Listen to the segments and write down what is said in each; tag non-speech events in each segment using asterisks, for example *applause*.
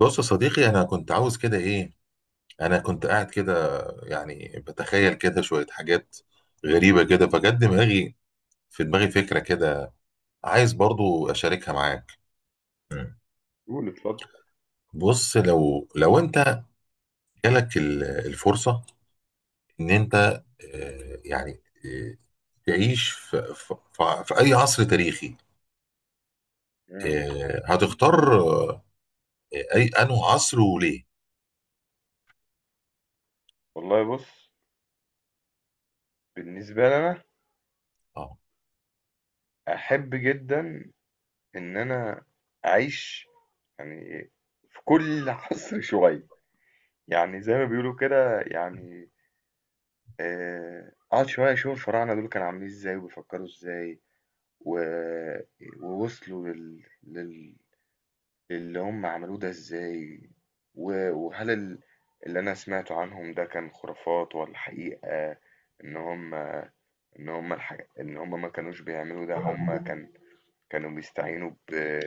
بص يا صديقي، انا كنت عاوز كده ايه، انا كنت قاعد كده، يعني بتخيل كده شوية حاجات غريبة كده فجت دماغي، في دماغي فكرة كده عايز برضو اشاركها معاك. مم. قول اتفضل. بص، لو انت جالك الفرصة ان انت يعني تعيش في اي عصر تاريخي، امم هتختار اي انه عصر وليه؟ والله بص، بالنسبة لي أنا اه، أحب جدا إن أنا أعيش يعني في كل *laughs* عصر شوية. يعني زي ما بيقولوا كده يعني، أقعد شوية أشوف الفراعنة دول كانوا عاملين إزاي وبيفكروا إزاي و... ووصلوا للي هم عملوه ده إزاي وهل اللي أنا سمعته عنهم ده كان خرافات ولا حقيقة. إن هم إن هم الحاجة إن هم ما كانوش بيعملوا ده، هم كانوا بيستعينوا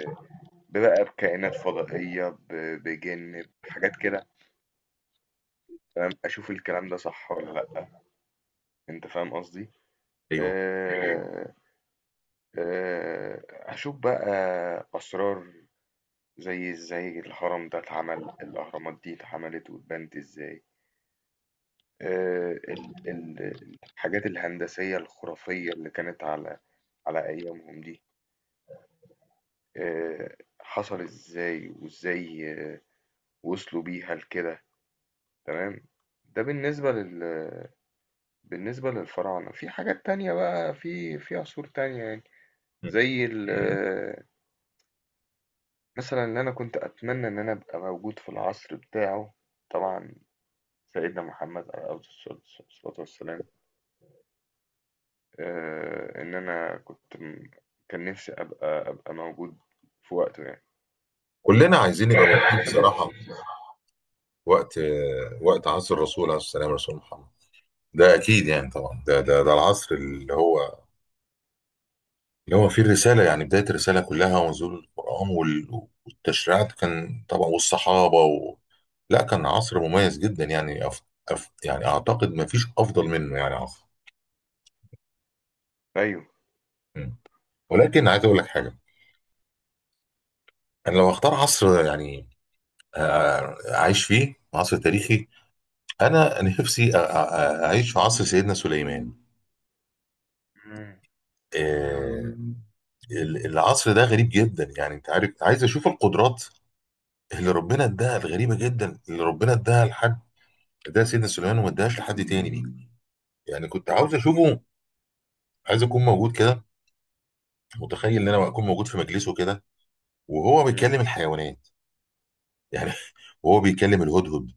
ببقى بكائنات فضائية، بجن بحاجات كده. فاهم، أشوف الكلام ده صح ولا لأ. أنت فاهم قصدي؟ ايوه. أه... أشوف بقى أسرار، زي إزاي الهرم ده اتعمل، الأهرامات دي اتعملت واتبنت إزاي. الحاجات الهندسية الخرافية اللي كانت على على أيامهم دي، حصل ازاي وازاي، وصلوا بيها لكده. تمام. ده بالنسبة بالنسبة للفراعنة. في حاجات تانية بقى في عصور تانية يعني. مم. زي ال آه، مثلا اللي أنا كنت أتمنى إن أنا أبقى موجود في العصر بتاعه، طبعا سيدنا محمد عليه أفضل الصلاة، الصلاة والسلام. إن أنا كان نفسي أبقى موجود في وقته يعني. كلنا عايزين نبقى موجودين بصراحة *laughs* وقت، وقت عصر الرسول عليه السلام، رسول محمد ده اكيد يعني طبعا، ده العصر اللي هو اللي هو فيه الرساله، يعني بدايه الرساله كلها ونزول القران والتشريعات كان طبعا، والصحابه و... لا كان عصر مميز جدا يعني يعني اعتقد ما فيش افضل منه يعني عصر. أيوه. م. ولكن عايز اقول لك حاجه، انا لو اختار عصر يعني اعيش فيه عصر تاريخي، انا نفسي اعيش في عصر سيدنا سليمان. مم. آه، العصر ده غريب جدا يعني انت عارف، عايز اشوف القدرات اللي ربنا اداها الغريبه جدا، اللي ربنا اداها لحد، اداها سيدنا سليمان وما اداهاش لحد تاني دي. يعني كنت عاوز مم. اشوفه، عايز اكون موجود كده، متخيل ان انا اكون موجود في مجلسه كده وهو مم. بيكلم الحيوانات يعني. *laughs* وهو بيكلم الهدهد،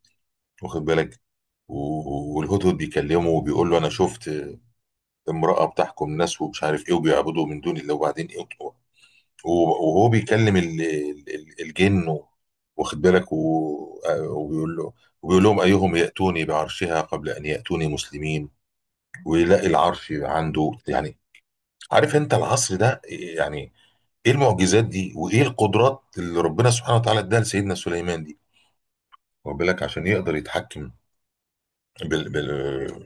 واخد بالك، والهدهد بيكلمه وبيقول له انا شفت امراه بتحكم ناس ومش عارف ايه وبيعبدوا من دون الله، وبعدين ايه، وهو بيكلم الجن واخد بالك، وبيقول له، وبيقول لهم أيهم يأتوني بعرشها قبل أن يأتوني مسلمين، ويلاقي العرش عنده يعني. عارف أنت العصر ده يعني إيه المعجزات دي وإيه القدرات اللي ربنا سبحانه وتعالى إداها لسيدنا سليمان دي، واخد بالك، عشان يقدر يتحكم بال أيوه.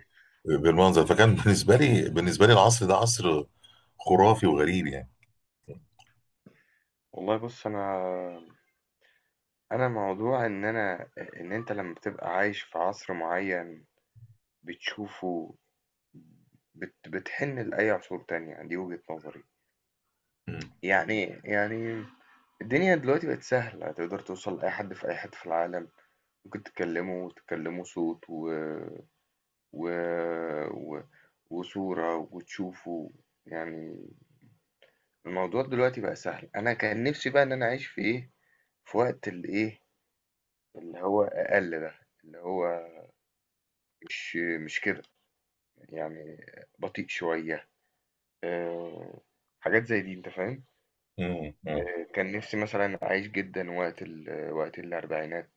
بالمنظر. فكان بالنسبة لي، بالنسبة لي العصر ده عصر خرافي وغريب يعني. والله بُص، أنا موضوع إن أنا أ إن أنت لمّا بتبقى عايش في عصر معيّن بتشوفه، بتحِن لأي عصور تانية، دي وجهة نظري. مم. يعني إيه؟ يعني الدنيا دلوقتي بقت سهلة، تقدر توصل لأي حد في أي حتّة في العالم، ممكن تكلّمه وتكلّمه صوت و و و وصورة وتشوفه، يعني الموضوع دلوقتي بقى سهل. أنا كان نِفْسي بقى إن أنا أعيش في في وقت اللي هو أقل ده، اللي هو مش مش كده يعني، بطيء شوية. أه، حاجات زي دي أنت فاهم. مم. مم. أه، كان نفسي مثلا أعيش جدا وقت وقت الأربعينات،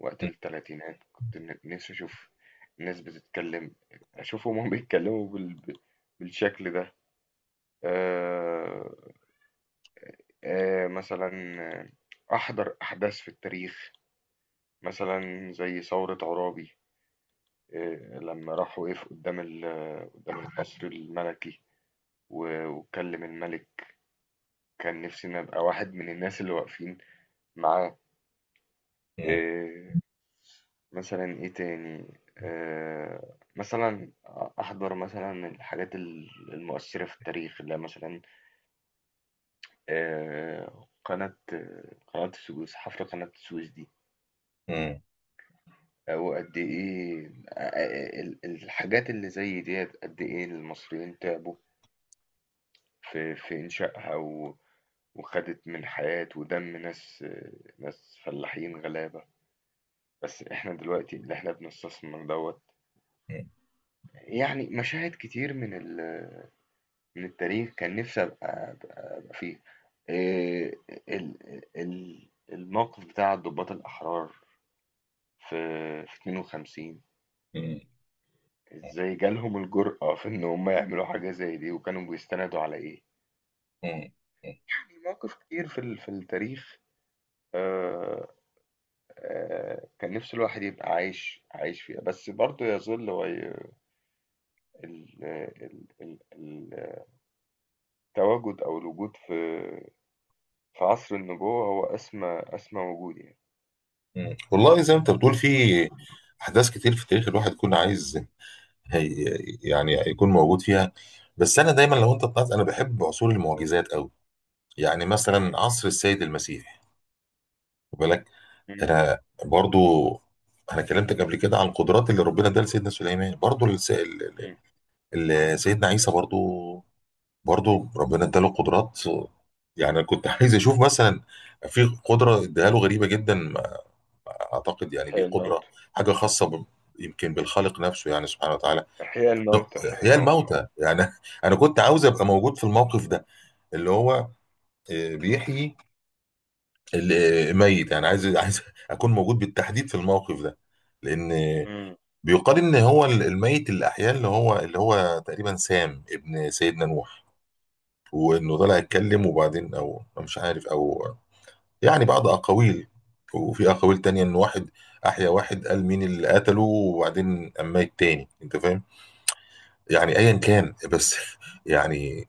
وقت التلاتينات. كنت نفسي أشوف الناس بتتكلم، أشوف هما بيتكلموا بالشكل ده. أه. أه مثلا، آه، أحضر أحداث في التاريخ، مثلا زي ثورة عرابي. إيه، لما راح وقف قدام قدام القصر الملكي و- واتكلم الملك، كان نفسي ان ابقى واحد من الناس اللي واقفين معاه. مم. إيه، مثلا ايه تاني، مثلا احضر مثلا الحاجات المؤثرة في التاريخ اللي هي مثلا، آه، قناة قناة السويس، حفر قناة السويس دي. مم. او قد ايه، الحاجات اللي زي ديت، قد ايه المصريين تعبوا في إنشائها، و... وخدت من حياة ودم ناس فلاحين غلابة. بس احنا دلوقتي اللي احنا بنستثمر دوت. يعني مشاهد كتير من ال... من التاريخ كان نفسي ابقى أبقى فيه. إيه، ال... ال... الموقف بتاع الضباط الأحرار في 52، مم. ازاي جالهم الجرأة في ان هم يعملوا حاجة زي دي، وكانوا بيستندوا على ايه. مم. يعني مواقف كتير في ال... في التاريخ، آه، كان نِفْسه الواحد يبقى عايش فيها، بس برضه يظل وي ال ال ال ال التواجد أو الوجود في عصر النبوة هو أسمى وجود يعني. والله زي ما انت بتقول في احداث كتير في التاريخ الواحد يكون عايز، هي يعني يكون موجود فيها. بس انا دايما لو انت طلعت انا بحب عصور المعجزات قوي، يعني مثلا إمم، عصر السيد المسيح، خد بالك. إمم، انا برضو، انا كلمتك قبل كده عن القدرات اللي ربنا اداها لسيدنا سليمان، برضو إمم. سيدنا عيسى برضو، برضو ربنا اداله قدرات، يعني انا كنت *laughs* عايز اشوف مثلا في قدره اداها له غريبه جدا، اعتقد يعني إحياء دي قدره الموتى، حاجه خاصه ب... يمكن بالخالق نفسه يعني سبحانه وتعالى. إحياء الموتى، إحياء احياء الموتى. الموتى يعني. *laughs* انا كنت عاوز ابقى موجود في الموقف ده اللي هو بيحيي الميت يعني، عايز، عايز *laughs* اكون موجود بالتحديد في الموقف ده، لان إمم، بيقال ان هو الميت اللي احياه اللي هو، اللي هو تقريبا سام ابن سيدنا نوح، وانه طلع يتكلم وبعدين او أو مش عارف او، يعني بعض أقاويل. وفي أقاويل تانية إن واحد أحيا واحد قال مين اللي قتله وبعدين قام ميت تاني، أنت فاهم؟ يعني أيا كان بس *laughs* يعني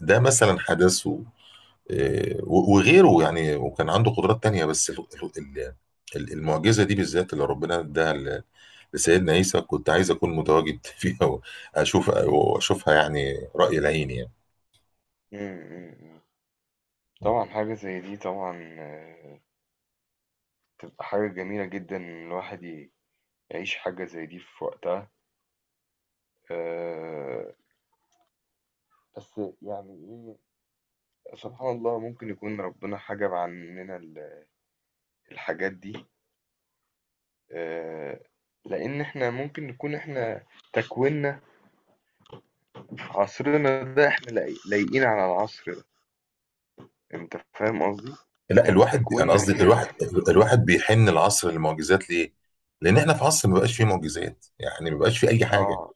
ده مثلا حدث وغيره يعني، وكان عنده قدرات تانية بس المعجزة دي بالذات اللي ربنا اداها لسيدنا عيسى كنت عايز أكون متواجد *laughs* فيها، وأشوف، وأشوفها يعني رأي العين يعني. إمم، إمم، إمم. طبعًا حاجة زي دي طبعًا بتبقى حاجة جميلة جدًا إن الواحد يعيش حاجة زي دي في وقتها. آآ بس يعني إيه، سبحان الله ممكن يكون ربنا حجَب عننا ال الحاجات دي. آه، لأن إحنا ممكن نكون إحنا تكويننا في عصرنا ده، إحنا لايقين على العصر ده. أنت فاهم قصدي؟ لا يعني الواحد، انا تكويننا قصدي إحنا. الواحد، الواحد بيحن العصر للمعجزات ليه؟ لان احنا في عصر ما بقاش فيه م. معجزات، يعني ما بقاش فيه اي حاجه، آه،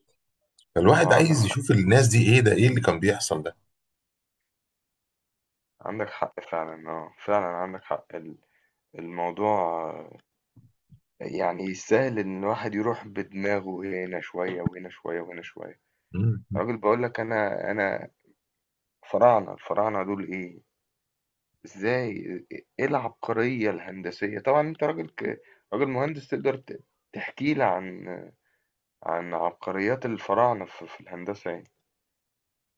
فالواحد آه عندك عايز حق، يشوف الناس دي ايه ده، ايه اللي كان بيحصل ده. عندك حق فعلا، آه فعلا عندك حق. الموضوع، آه، يعني يستاهل إن الواحد يروح بدماغه هنا شوية وهنا شوية وهنا شوية. مم. راجل بقول لك أنا الفراعنة دول إيه؟ ازاي، ايه العبقرية الهندسية؟ طبعا انت راجل راجل مهندس، تقدر تحكي لي عن عبقريات الفراعنة في, في الهندسة يعني.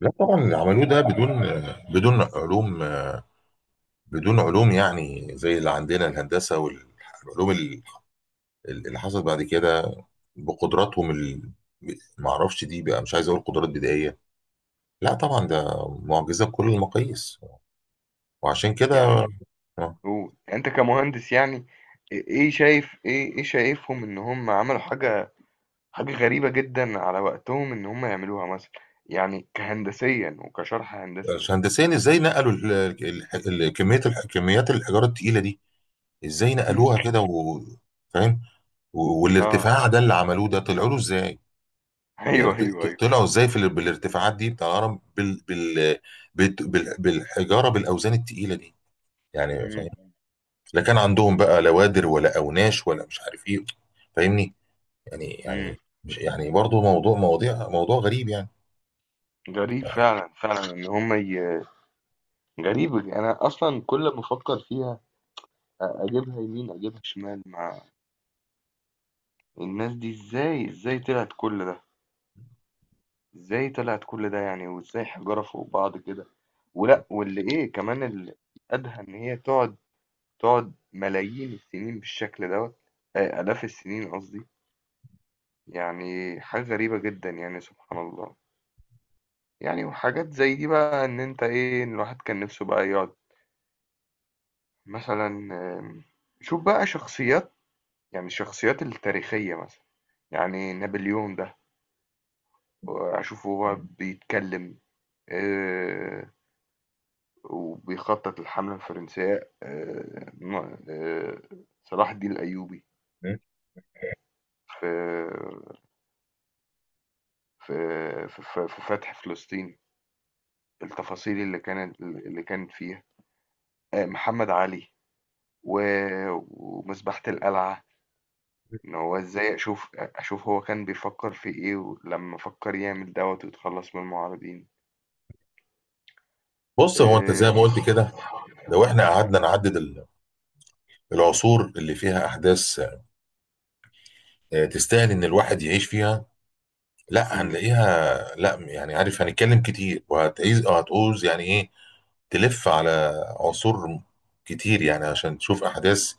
لا طبعا اللي عملوه ده بدون، بدون علوم، بدون علوم يعني زي اللي عندنا الهندسه والعلوم اللي حصلت بعد كده بقدراتهم ال... ما اعرفش دي بقى، مش عايز اقول قدرات بدائيه، لا طبعا ده معجزه بكل المقاييس، وعشان يعني كده انت آه. قول. يعني انت كمهندس يعني، ايه شايف، ايه شايفهم ان هم عملوا حاجة غريبة جدا على وقتهم ان هم يعملوها مثلا، يعني كهندسيا وكشرح هندسي. هندسيا ازاي نقلوا ال- كميه كميات الحجاره التقيله دي، ازاي مم. نقلوها كده و... فاهم، اه والارتفاع ده اللي عملوه ده طلعوا له ازاي؟ *laughs* يعني ايوه ايوه ايوه. طلعوا ازاي في بالارتفاعات دي بتاع الهرم بالحجاره بالاوزان التقيله دي يعني فاهم، مم. لا كان عندهم بقى لا وادر ولا اوناش ولا مش عارف ايه، فاهمني، يعني مم. يعني مش يعني برضه موضوع موضوع غريب يعني. غريب فعلا، فعلا ان هم، غريبة دي. أنا أصلا كل ما أفكر فيها أجيبها يمين أجيبها شمال. مع الناس دي إزاي، إزاي طلعت كل ده، إزاي طلعت كل ده يعني، وإزاي حجارة فوق بعض كده؟ ولا واللي إيه كمان الأدهى إن هي تقعد ملايين السنين بالشكل دوت، آلاف السنين قصدي. يعني حاجة غريبة جدا يعني سبحان الله. يعني وحاجات زي دي بقى إن أنت إيه، إن الواحد كان نفسه بقى يقعد مثلا، آم، شوف بقى شخصيات، يعني الشخصيات التاريخية مثلا، يعني نابليون ده أشوفه هو بيتكلم، آه، وبيخطط الحملة الفرنسية. صلاح الدين الأيوبي م? في في في فتح فلسطين، التفاصيل اللي كانت فيها. محمد علي و- ومذبحة القلعة، إن هو إزاي أشوف هو كان بيفكر في إيه لما فكر يعمل دوت ويتخلص من المعارضين. بص هو انت آه، زي ما قلت كده، لو احنا إمم، قعدنا نعدد العصور اللي فيها احداث تستاهل ان الواحد يعيش فيها، لا إمم، هنلاقيها، لا يعني عارف هنتكلم كتير، وهتعيز أو هتعوز يعني ايه تلف على عصور كتير يعني عشان تشوف احداث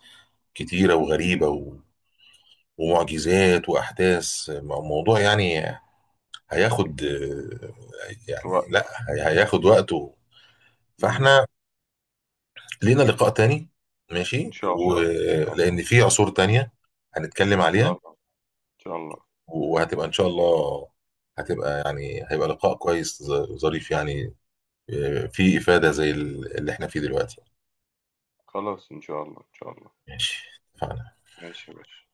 كتيره وغريبه و... ومعجزات واحداث موضوع يعني هياخد، يعني لا وقت، هياخد وقته. إمم، فاحنا لينا لقاء تاني إن ماشي، شاء الله، إن شاء الله، ولان في عصور تانية هنتكلم إن شاء عليها، الله، إن شاء الله، وهتبقى ان شاء الله، هتبقى يعني هيبقى لقاء كويس ظريف يعني، فيه افاده زي اللي احنا فيه دلوقتي. خلاص إن شاء الله، إن شاء الله، ماشي، اتفقنا. ماشي يا باشا.